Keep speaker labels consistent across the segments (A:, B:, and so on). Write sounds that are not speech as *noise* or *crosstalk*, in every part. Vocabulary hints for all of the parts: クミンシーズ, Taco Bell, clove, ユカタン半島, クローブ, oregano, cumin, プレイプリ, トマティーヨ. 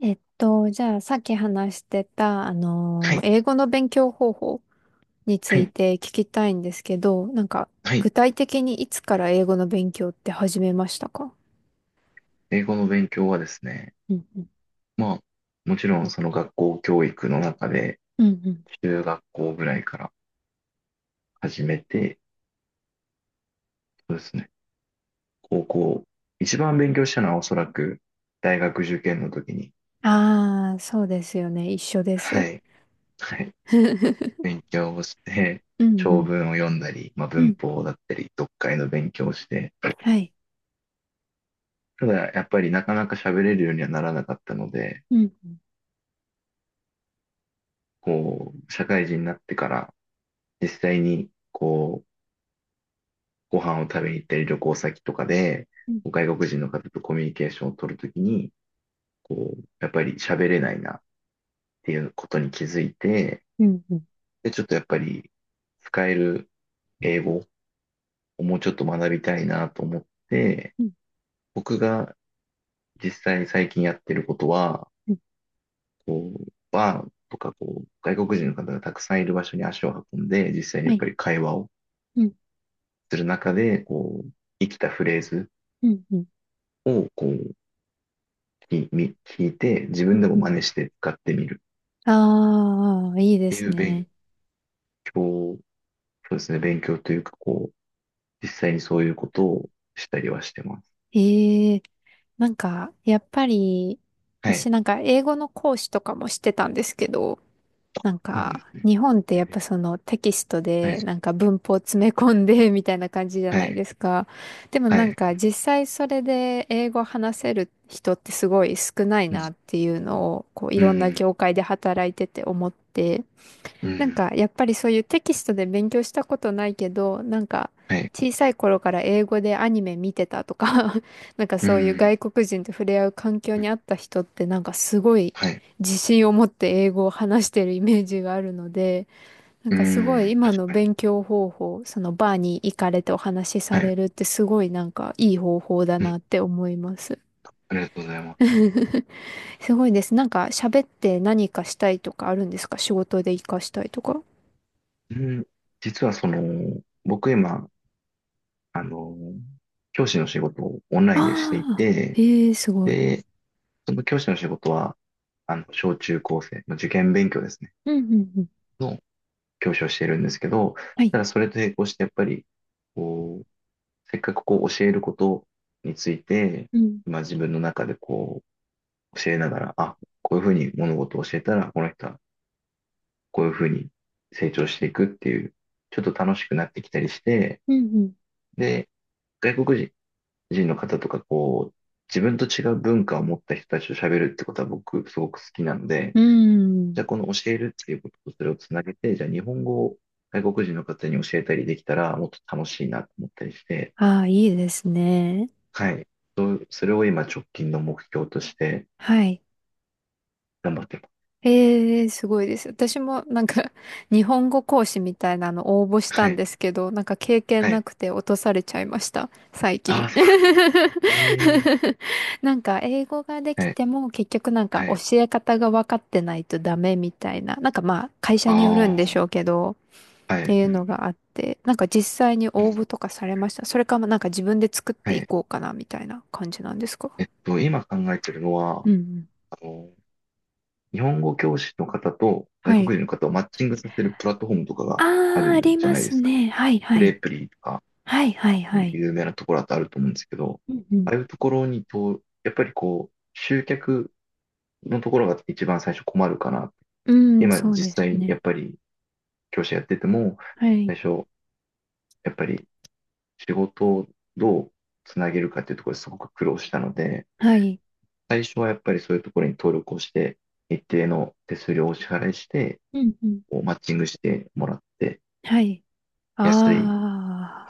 A: えっと、じゃあ、さっき話してた、
B: はい、
A: 英語の勉強方法につ
B: は
A: い
B: い、
A: て聞きたいんですけど、
B: はい。
A: 具体的にいつから英語の勉強って始めましたか？
B: 英語の勉強はですね、
A: うんうん。
B: まあ、もちろんその学校教育の中で、
A: うんうん。
B: 中学校ぐらいから始めて、そうですね、高校、一番勉強したのはおそらく大学受験の時に、
A: ああ、そうですよね。一緒です。
B: はい、はい、
A: *laughs*
B: 勉強をして、
A: うんう
B: 長
A: ん
B: 文を読んだり、まあ、
A: う
B: 文
A: ん。
B: 法だったり、読解の勉強をして、
A: はい。
B: ただやっぱりなかなか喋れるようにはならなかったので、
A: うんうん
B: こう、社会人になってから、実際に、こう、ご飯を食べに行ったり旅行先とかで、
A: うん
B: 外国人の方とコミュニケーションを取るときに、こう、やっぱり喋れないなっていうことに気づいて、
A: うん
B: で、ちょっとやっぱり使える英語をもうちょっと学びたいなと思って、
A: うん
B: 僕が実際最近やってることは、
A: うん。
B: こう、バーとかこう、外国人の方がたくさんいる場所に足を運んで、実際に
A: は
B: やっ
A: い。
B: ぱり会話を
A: うん
B: する中で、こう、生きたフレーズ
A: うんうん
B: をこう、聞いて、自
A: うん
B: 分でも
A: う
B: 真似
A: ん。
B: して使ってみる
A: ああ、いい
B: っ
A: で
B: てい
A: す
B: う勉
A: ね。
B: 強、そうですね、勉強というか、こう、実際にそういうことをしたりはしてます。
A: ええ。なんか、やっぱり、
B: は
A: 私
B: い。
A: なんか英語の講師とかもしてたんですけど、なん
B: そうで
A: か、
B: すね。
A: 日本ってやっぱそのテキスト
B: は
A: で
B: い。
A: なんか文法
B: う
A: 詰
B: ん、
A: め込んで *laughs* みたいな感じじゃ
B: は
A: ないで
B: い。
A: すか。でも
B: は
A: なん
B: い。
A: か実際それで英語話せる人ってすごい少ない
B: うん。
A: なっていうのを、こうい
B: う
A: ろんな
B: ん。
A: 業界で働いてて思って、
B: う
A: なん
B: ん。
A: か、やっぱりそういうテキストで勉強したことないけど、なんか、
B: はい。
A: 小さい頃から英語でアニメ見てたとか *laughs* なんか
B: う
A: そういう
B: ん。
A: 外国人と触れ合う環境
B: うん、
A: にあった人って、なんかすごい
B: はい。
A: 自信を持って英語を話してるイメージがあるので、なん
B: う
A: かすごい
B: ん。
A: 今
B: 確
A: の
B: かに。
A: 勉強方法、そのバーに行かれてお話しさ
B: はい。
A: れるってすごいなんかいい方法だ
B: うん。
A: なって思います。
B: ありがとうございます。
A: *laughs* すごいです。なんか喋って何かしたいとかあるんですか？仕事で活かしたいとか。
B: うん。実はその、僕今、あの、教師の仕事をオンラインでしてい
A: ああ、
B: て、
A: ええ、すごい。
B: で、その教師の仕事は、小中高生、まあ、受験勉強ですね、
A: うんうんうん。
B: の教師をしているんですけど、
A: はい。
B: ただそれと並行してやっぱり、こう、せっかくこう教えることについて、
A: うん、
B: まあ自分の中でこう教えながら、あ、こういうふうに物事を教えたら、この人はこういうふうに成長していくっていう、ちょっと楽しくなってきたりして、
A: うん、
B: で、外国人の方とか、こう、自分と違う文化を持った人たちと喋るってことは僕すごく好きなので、
A: うん。う
B: じ
A: ん。
B: ゃあこの教えるっていうこととそれをつなげて、じゃあ日本語を外国人の方に教えたりできたらもっと楽しいなと思ったりして、
A: ああ、いいですね。
B: はい。そうそれを今直近の目標として
A: はい。
B: 頑張ってます。
A: ええ、すごいです。私もなんか、*laughs* 日本語講師みたいなの応募した
B: は
A: ん
B: い。
A: ですけど、なんか経験
B: は
A: な
B: い。
A: くて落とされちゃいました。最
B: あ
A: 近。
B: あ、そう。ええ、
A: *laughs* なんか、英語ができ
B: はい。
A: ても結局なんか
B: は
A: 教
B: い。
A: え方が分かってないとダメみたいな。なんかまあ、会社
B: あ
A: によるんでしょうけど、
B: あ、は
A: って
B: い。
A: い
B: う
A: うの
B: ん。
A: があって、なんか実際に応募とかされました？それかもなんか自分で作っ
B: は
A: てい
B: い。
A: こうかなみたいな感じなんですか？
B: 今考えてるの
A: う
B: は、
A: んうん。
B: あの、日本語教師の方と
A: は
B: 外国
A: い。
B: 人の方をマッチングさせるプラットフォームとかが
A: あ
B: あ
A: あ、あ
B: る
A: り
B: じゃ
A: ま
B: ないで
A: す
B: すか。
A: ね。はいは
B: プレイ
A: い。
B: プリとか。
A: はいはいはい。
B: 有名なところだとあると思うんですけど、
A: うんう
B: ああいうところにと、やっぱりこう、集客のところが一番最初困るかな。
A: ん。うん、
B: 今
A: そう
B: 実
A: です
B: 際や
A: ね。
B: っぱり教師やってても、
A: はい。
B: 最初やっぱり仕事をどうつなげるかっていうところですごく苦労したので、
A: はい。
B: 最初はやっぱりそういうところに登録をして、一定の手数料をお支払いして、
A: うんうん。
B: こうマッチングしてもらって、
A: はい。
B: 安い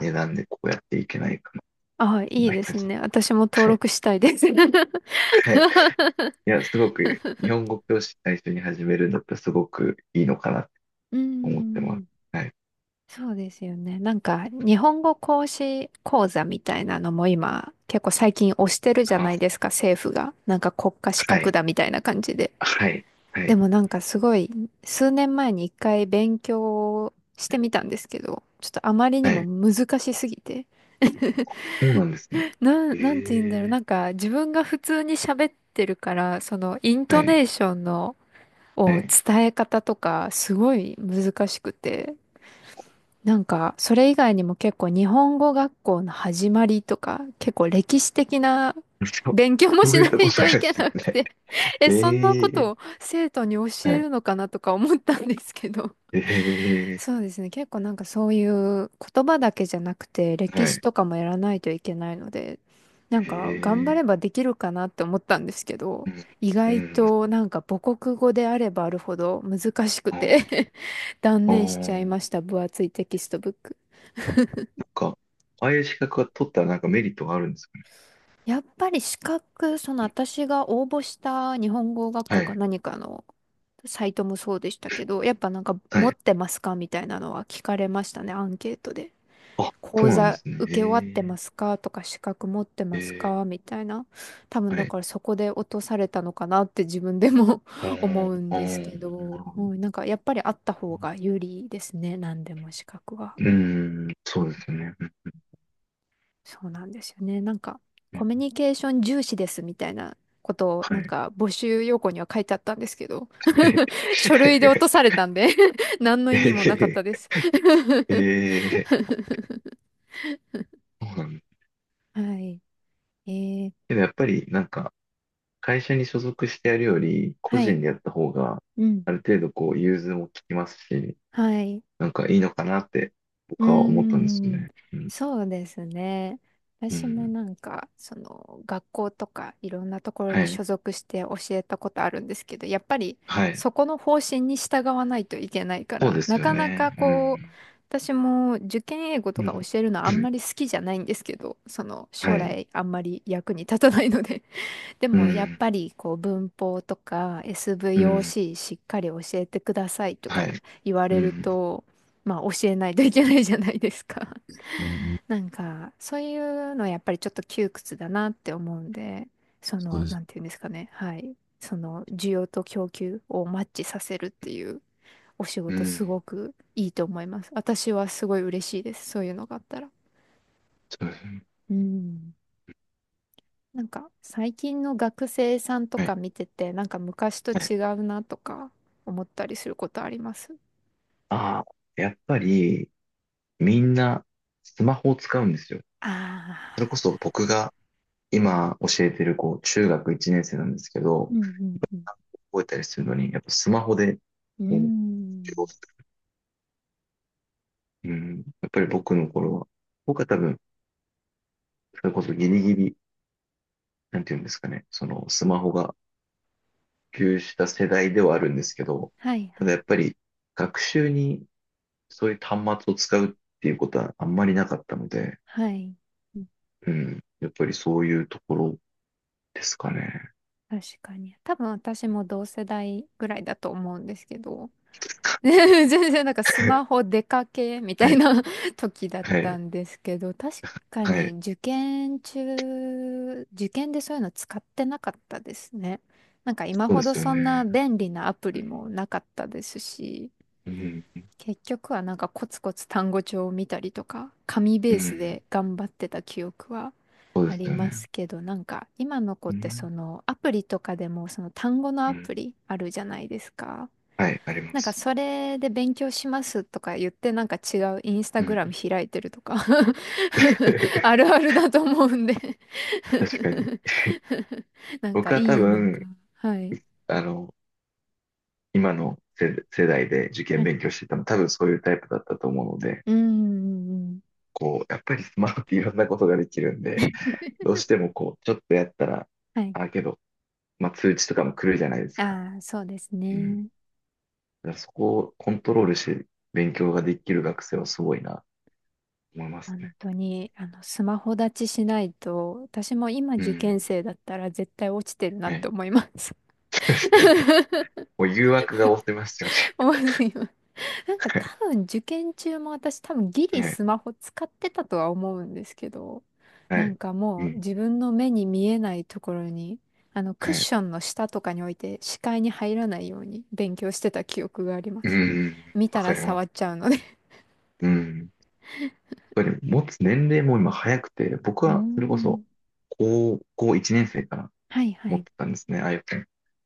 B: 値段でこうやっていけないかな、
A: あ。ああ、いい
B: 考え
A: で
B: て
A: す
B: ます。
A: ね。私も登
B: はい。
A: 録したいです。*laughs*
B: はい、いや、すごく、日本語教師最初に始めるんだったらすごくいいのかなって
A: う
B: 思ってます。
A: ん。
B: はい。
A: そうですよね。なんか、日本語講師講座みたいなのも今、結構最近推してるじゃ
B: あ、
A: ないですか、政府が。なんか国家資
B: は
A: 格
B: い。
A: だみたいな感じで。
B: はい。は
A: で
B: い。
A: もなんかすごい、数年前に一回勉強してみたんですけど、ちょっとあまりに
B: は
A: も
B: い。
A: 難しすぎて。
B: そうなんですね。
A: なんて言うんだろう。
B: え
A: な
B: え、
A: んか自分が普通に喋ってるから、そのイン
B: は
A: ト
B: い。
A: ネーションの、
B: は
A: を
B: い。
A: 伝え方とか、すごい難しくて。なんか、それ以外にも結構日本語学校の始まりとか、結構歴史的な
B: *laughs* そう、
A: 勉強も
B: そ
A: し
B: う
A: な
B: いったこ
A: い
B: と
A: と
B: ない
A: い
B: で
A: け
B: す
A: なく
B: ね。
A: て *laughs* え、そんなこ
B: ええ、
A: とを生徒に教え
B: はい。
A: るのかなとか思ったんですけど。*laughs*
B: ええ、
A: そうですね。結構なんかそういう言葉だけじゃなくて、歴
B: は
A: 史
B: い。
A: とかもやらないといけないので、なんか頑張
B: え
A: れ
B: え、
A: ばできるかなって思ったんですけど、
B: うん。
A: 意
B: う
A: 外
B: ん。
A: となんか母国語であればあるほど難しく
B: あー、
A: て *laughs* 断
B: あ
A: 念
B: ー、
A: しちゃい
B: な
A: ま
B: ん
A: した。分厚いテキストブック。
B: か、ああいう資格が取ったらなんかメリットがあるんですかね。
A: やっぱり資格、その
B: うん、
A: 私が応募した日本語学
B: は
A: 校か
B: い。
A: 何かのサイトもそうでしたけど、やっぱなんか
B: は
A: 持っ
B: い。
A: てますか？みたいなのは聞かれましたね、アンケートで。
B: あ、そ
A: 講
B: うなんで
A: 座
B: すね。
A: 受け終わって
B: え
A: ますかとか資格持って
B: え、
A: ます
B: ええ、
A: かみたいな。多分
B: は
A: だ
B: い。
A: からそこで落とされたのかなって自分でも
B: あ
A: *laughs* 思う
B: ー、
A: ん
B: あ
A: ですけ
B: ー、な
A: ど、
B: るほ
A: う
B: どね。
A: ん、なんかやっぱりあった方が有利ですね、何でも資格は。
B: うん、そうですね。うん、
A: そうなんですよね。なんか、
B: う
A: コ
B: ん、
A: ミュニケーション重視ですみたいなことを、
B: は
A: なん
B: い。
A: か、募集要項には書いてあったんですけど、
B: *laughs*
A: *laughs* 書類で落と
B: え、
A: されたんで *laughs* 何の意味もなかったです。 *laughs*
B: ええー、そうなんだ。
A: はい。えー、
B: けどやっぱりなんか会社に所属してやるより個
A: はい。
B: 人でやった方が
A: うん。
B: ある程度こう融通も利きますし、
A: はい。
B: なんかいいのかなって
A: うー
B: 僕は思ったんですよ
A: ん、
B: ね。うん。
A: そうですね。
B: う
A: 私も
B: ん。
A: なんか、その、学校とかいろんなところ
B: は
A: に
B: い。
A: 所属して教えたことあるんですけど、やっぱり
B: はい。
A: そこの方針に従わないといけないか
B: そう
A: ら、
B: です
A: な
B: よ
A: かなか
B: ね。う
A: こう、
B: ん。
A: 私も受験英語
B: う
A: と
B: ん。
A: か教えるのあ
B: う
A: ん
B: ん
A: まり好きじゃないんですけど、その、
B: は
A: 将
B: い。
A: 来あんまり役に立たないので、で
B: う
A: もやっ
B: ん。
A: ぱりこう文法とか
B: うん、
A: SVOC しっかり教えてくださいと
B: は
A: か
B: い。
A: 言わ
B: う
A: れる
B: ん。
A: と、まあ教えないといけないじゃないですか。
B: うん、
A: *laughs* なんかそういうのやっぱりちょっと窮屈だなって思うんで、そ
B: そう
A: の、
B: です。
A: なんていうんですかね。はい。その需要と供給をマッチさせるっていうお仕
B: う
A: 事す
B: ん。
A: ごくいいと思います。私はすごい嬉しいです。そういうのがあったら。
B: そうですね。
A: うん。なんか最近の学生さんと
B: はい。
A: か見てて、なんか昔と
B: はい。
A: 違うなとか思ったりすることあります？
B: ああ、やっぱり、みんな、スマホを使うんですよ。
A: ああ
B: それこそ僕が今教えてる、こう、中学1年生なんですけ
A: ー、
B: ど、
A: うんうん
B: 覚えたりするのに、やっぱスマホで、
A: うん。うー
B: こう、授業
A: ん。
B: する。うん。やっぱり僕の頃は、僕は多分、それこそギリギリ、なんていうんですかね、その、スマホが普及した世代ではあるんですけど、
A: はい
B: た
A: は
B: だや
A: い
B: っぱり、学習にそういう端末を使うっていうことはあんまりなかったので、
A: はい。うん。
B: うん。やっぱりそういうところですかね。
A: 確かに。多分私も同世代ぐらいだと思うんですけど、*laughs* 全然なんかスマ
B: *laughs*
A: ホ出かけみた
B: は
A: い
B: い、
A: な *laughs* 時だっ
B: は
A: た
B: い、
A: んですけど、確か
B: は
A: に
B: い、
A: 受験中、受験でそういうの使ってなかったですね。なんか今
B: そうで
A: ほど
B: すよ
A: そ
B: ね。
A: んな便利なアプ
B: う
A: リ
B: ん、
A: もなかったですし、
B: うん、
A: 結局はなんかコツコツ単語帳を見たりとか、紙ベ
B: う
A: ース
B: ん、
A: で頑張ってた記憶は
B: そうで
A: あ
B: す
A: り
B: よ
A: ま
B: ね。
A: すけど、なんか今の子っ
B: う
A: てそ
B: ん、
A: のアプリとかでもその単語の
B: う
A: ア
B: ん、
A: プリあるじゃないですか。
B: はい、ありま
A: なんか
B: す。
A: それで勉強しますとか言ってなんか違うインスタ
B: う
A: グ
B: ん、
A: ラム開いてるとか *laughs* ある
B: *laughs*
A: あるだと思うんで
B: 確かに。*laughs*
A: *laughs* なんか
B: 僕は多
A: いいのか。
B: 分、
A: はい。
B: あの、今の世代で受
A: は
B: 験
A: い。
B: 勉強してたの、多分そういうタイプだったと思うので、
A: うんうんうん。
B: こう、やっぱりスマホっていろんなことができるんで、どうしてもこう、ちょっとやったら、
A: はい。
B: あ、けど、まあ、通知とかも来るじゃないですか。
A: ああ、そうです
B: うん、
A: ね。
B: だからそこをコントロールして勉強ができる学生はすごいな、と思います
A: 本
B: ね。
A: 当に、あの、スマホ立ちしないと、私も今
B: う
A: 受験
B: ん。
A: 生だったら絶対落ちてるな
B: は
A: って
B: い。
A: 思います。
B: *laughs* そうですよね。
A: *laughs*
B: もう誘惑が多すせますよね。
A: 思います。なんか多
B: *laughs*
A: 分受験中も私多分ギリ
B: はい。
A: スマホ使ってたとは思うんですけど、
B: は
A: なん
B: い。
A: か
B: う
A: もう
B: ん。
A: 自分の目に見えないところに、あのク
B: は
A: ッ
B: い。
A: ションの下とかに置いて視界に入らないように勉強してた記憶がありま
B: う
A: す。
B: ん。
A: 見
B: わ
A: た
B: か
A: ら
B: りま
A: 触っ
B: す。
A: ちゃうので。
B: うん。やっぱり持つ年齢も今早くて、僕
A: うー
B: はそれこそ
A: ん。
B: 高校1年生から
A: はいは
B: 持っ
A: い。
B: てたんですね、iPhone。やっ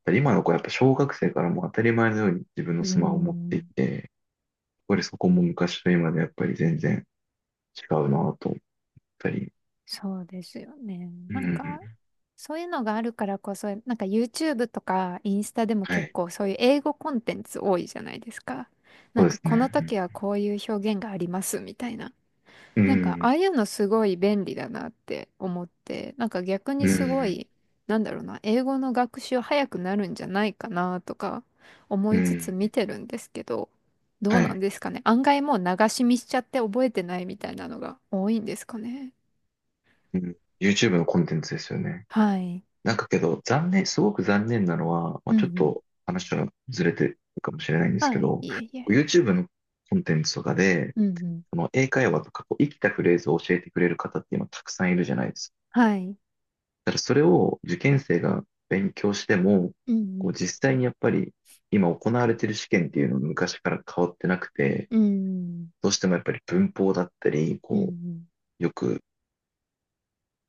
B: ぱり今の子はやっぱ小学生からもう当たり前のように自分の
A: うー
B: スマホを持ってい
A: ん。
B: て、やっぱりそこも昔と今でやっぱり全然違うなぁと思ったり。
A: そうですよね。
B: う
A: なんか、
B: ん。
A: そういうのがあるからこそ、なんか YouTube とかインスタでも
B: は
A: 結
B: い。
A: 構そういう英語コンテンツ多いじゃないですか。な
B: そ
A: ん
B: うで
A: か
B: す
A: この
B: ね。
A: 時はこういう表現がありますみたいな。
B: う
A: なんかあ
B: ん。
A: あいうのすごい便利だなって思って、なんか逆
B: う
A: にすご
B: ん。
A: い、なんだろうな、英語の学習早くなるんじゃないかなとか思
B: う
A: いつつ
B: ん。う
A: 見
B: ん、
A: てるんですけど、どう
B: は
A: なん
B: い。
A: ですかね。案外もう流し見しちゃって覚えてないみたいなのが多いんですかね。
B: うん。YouTube のコンテンツですよね。
A: はい。
B: なんかけど、残念、すごく残念なのは、まあ、
A: うんう
B: ちょっ
A: ん。
B: と話はずれてるかもしれないんですけ
A: はい。
B: ど、
A: いえいえ。
B: YouTube のコンテンツとかで、
A: うんうん。
B: その英会話とかこう生きたフレーズを教えてくれる方って今たくさんいるじゃないですか。
A: はい。
B: ただそれを受験生が勉強しても、
A: う
B: こう
A: ん
B: 実際にやっぱり今行われている試験っていうのは昔から変わってなくて、
A: うん。うんうん。
B: どうしてもやっぱり文法だったり、
A: う
B: こ
A: ん。
B: よく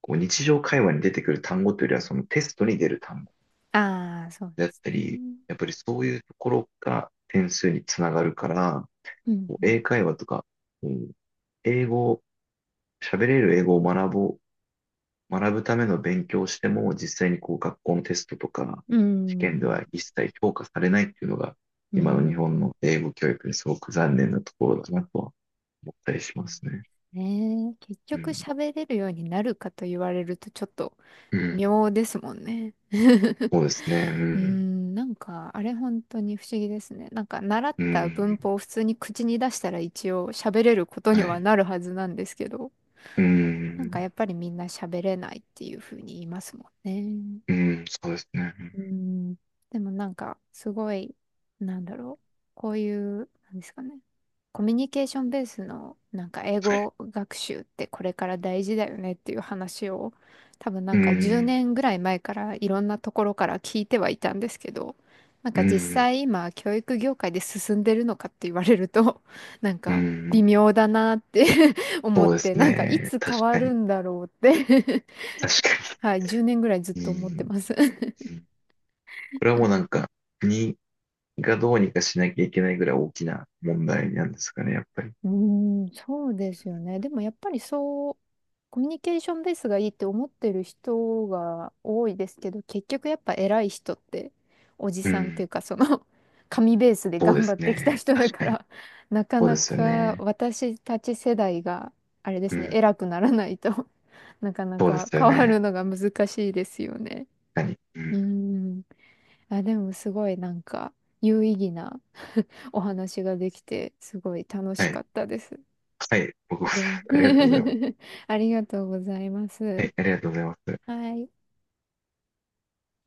B: こう日常会話に出てくる単語というよりは、そのテストに出る単語
A: ああー、そう
B: であ
A: で
B: っ
A: す
B: たり、
A: ね。
B: やっぱりそういうところが点数につながるから、
A: うん
B: こう
A: うん。
B: 英会話とか、こう英語、喋れる英語を学ぼう、学ぶための勉強をしても、実際にこう学校のテストとか、
A: う
B: 試験で
A: ん。
B: は一切評価されないっていうのが、
A: う
B: 今の日
A: ん。
B: 本の英語教育にすごく残念なところだなとは思ったりし
A: そ
B: ま
A: う
B: すね。
A: ね。結
B: う
A: 局
B: ん。
A: 喋れるようになるかと言われるとちょっと
B: うん。
A: 妙ですもんね。*laughs*
B: そうですね。う
A: う
B: ん。
A: ん。なんか、あれ本当に不思議ですね。なんか、習っ
B: う
A: た文
B: ん。
A: 法を普通に口に出したら一応喋れることに
B: は
A: は
B: い。
A: なるはずなんですけど。
B: うー
A: なんか
B: ん、
A: やっぱりみんな喋れないっていうふうに言いますもん
B: う
A: ね。
B: ーん、そうですね。
A: うん。でもなんか、すごい、なんだろう。こういう、なんですかね。コミュニケーションベースの、なんか英
B: はい。
A: 語学習ってこれから大事だよねっていう話を、多分な
B: う
A: ん
B: ー
A: か10
B: ん、
A: 年ぐらい前からいろんなところから聞いてはいたんですけど、なん
B: う
A: か実
B: ーん、
A: 際今、教育業界で進んでるのかって言われると、*laughs* なん
B: うー
A: か微
B: ん、
A: 妙だなって *laughs* 思
B: そ
A: っ
B: うです
A: て、なんかい
B: ね。
A: つ変
B: 確
A: わ
B: かに、
A: るんだろうって
B: 確か
A: *laughs* はい、10年ぐらいずっと
B: に。う
A: 思っ
B: ー
A: て
B: ん、
A: ます。
B: うん、これはもうなんか、国がどうにかしなきゃいけないぐらい大きな問題なんですかね、やっぱり。
A: うーん、そうですよね。でもやっぱりそう、コミュニケーションベースがいいって思ってる人が多いですけど、結局やっぱ偉い人って、おじ
B: う
A: さんっていう
B: ん、
A: か、その *laughs* 紙ベースで
B: そうで
A: 頑張
B: す
A: ってきた
B: ね。
A: 人だ
B: 確
A: か
B: かに。
A: ら、*laughs* なか
B: そうで
A: な
B: すよ
A: か
B: ね。
A: 私たち世代が、あれで
B: う
A: すね、
B: ん、
A: 偉くならないと *laughs* なかな
B: そうで
A: か
B: すよ
A: 変わる
B: ね。
A: のが難しいですよね。
B: 何う
A: うー
B: ん、
A: ん。あ、でもすごいなんか、有意義な *laughs* お話ができて、すごい楽
B: は
A: しか
B: い。
A: ったです。
B: はい、僕も
A: げん
B: *laughs* ありがとうございます。
A: *laughs* ありがとうございま
B: は
A: す。
B: い、ありがとうございます。
A: はい。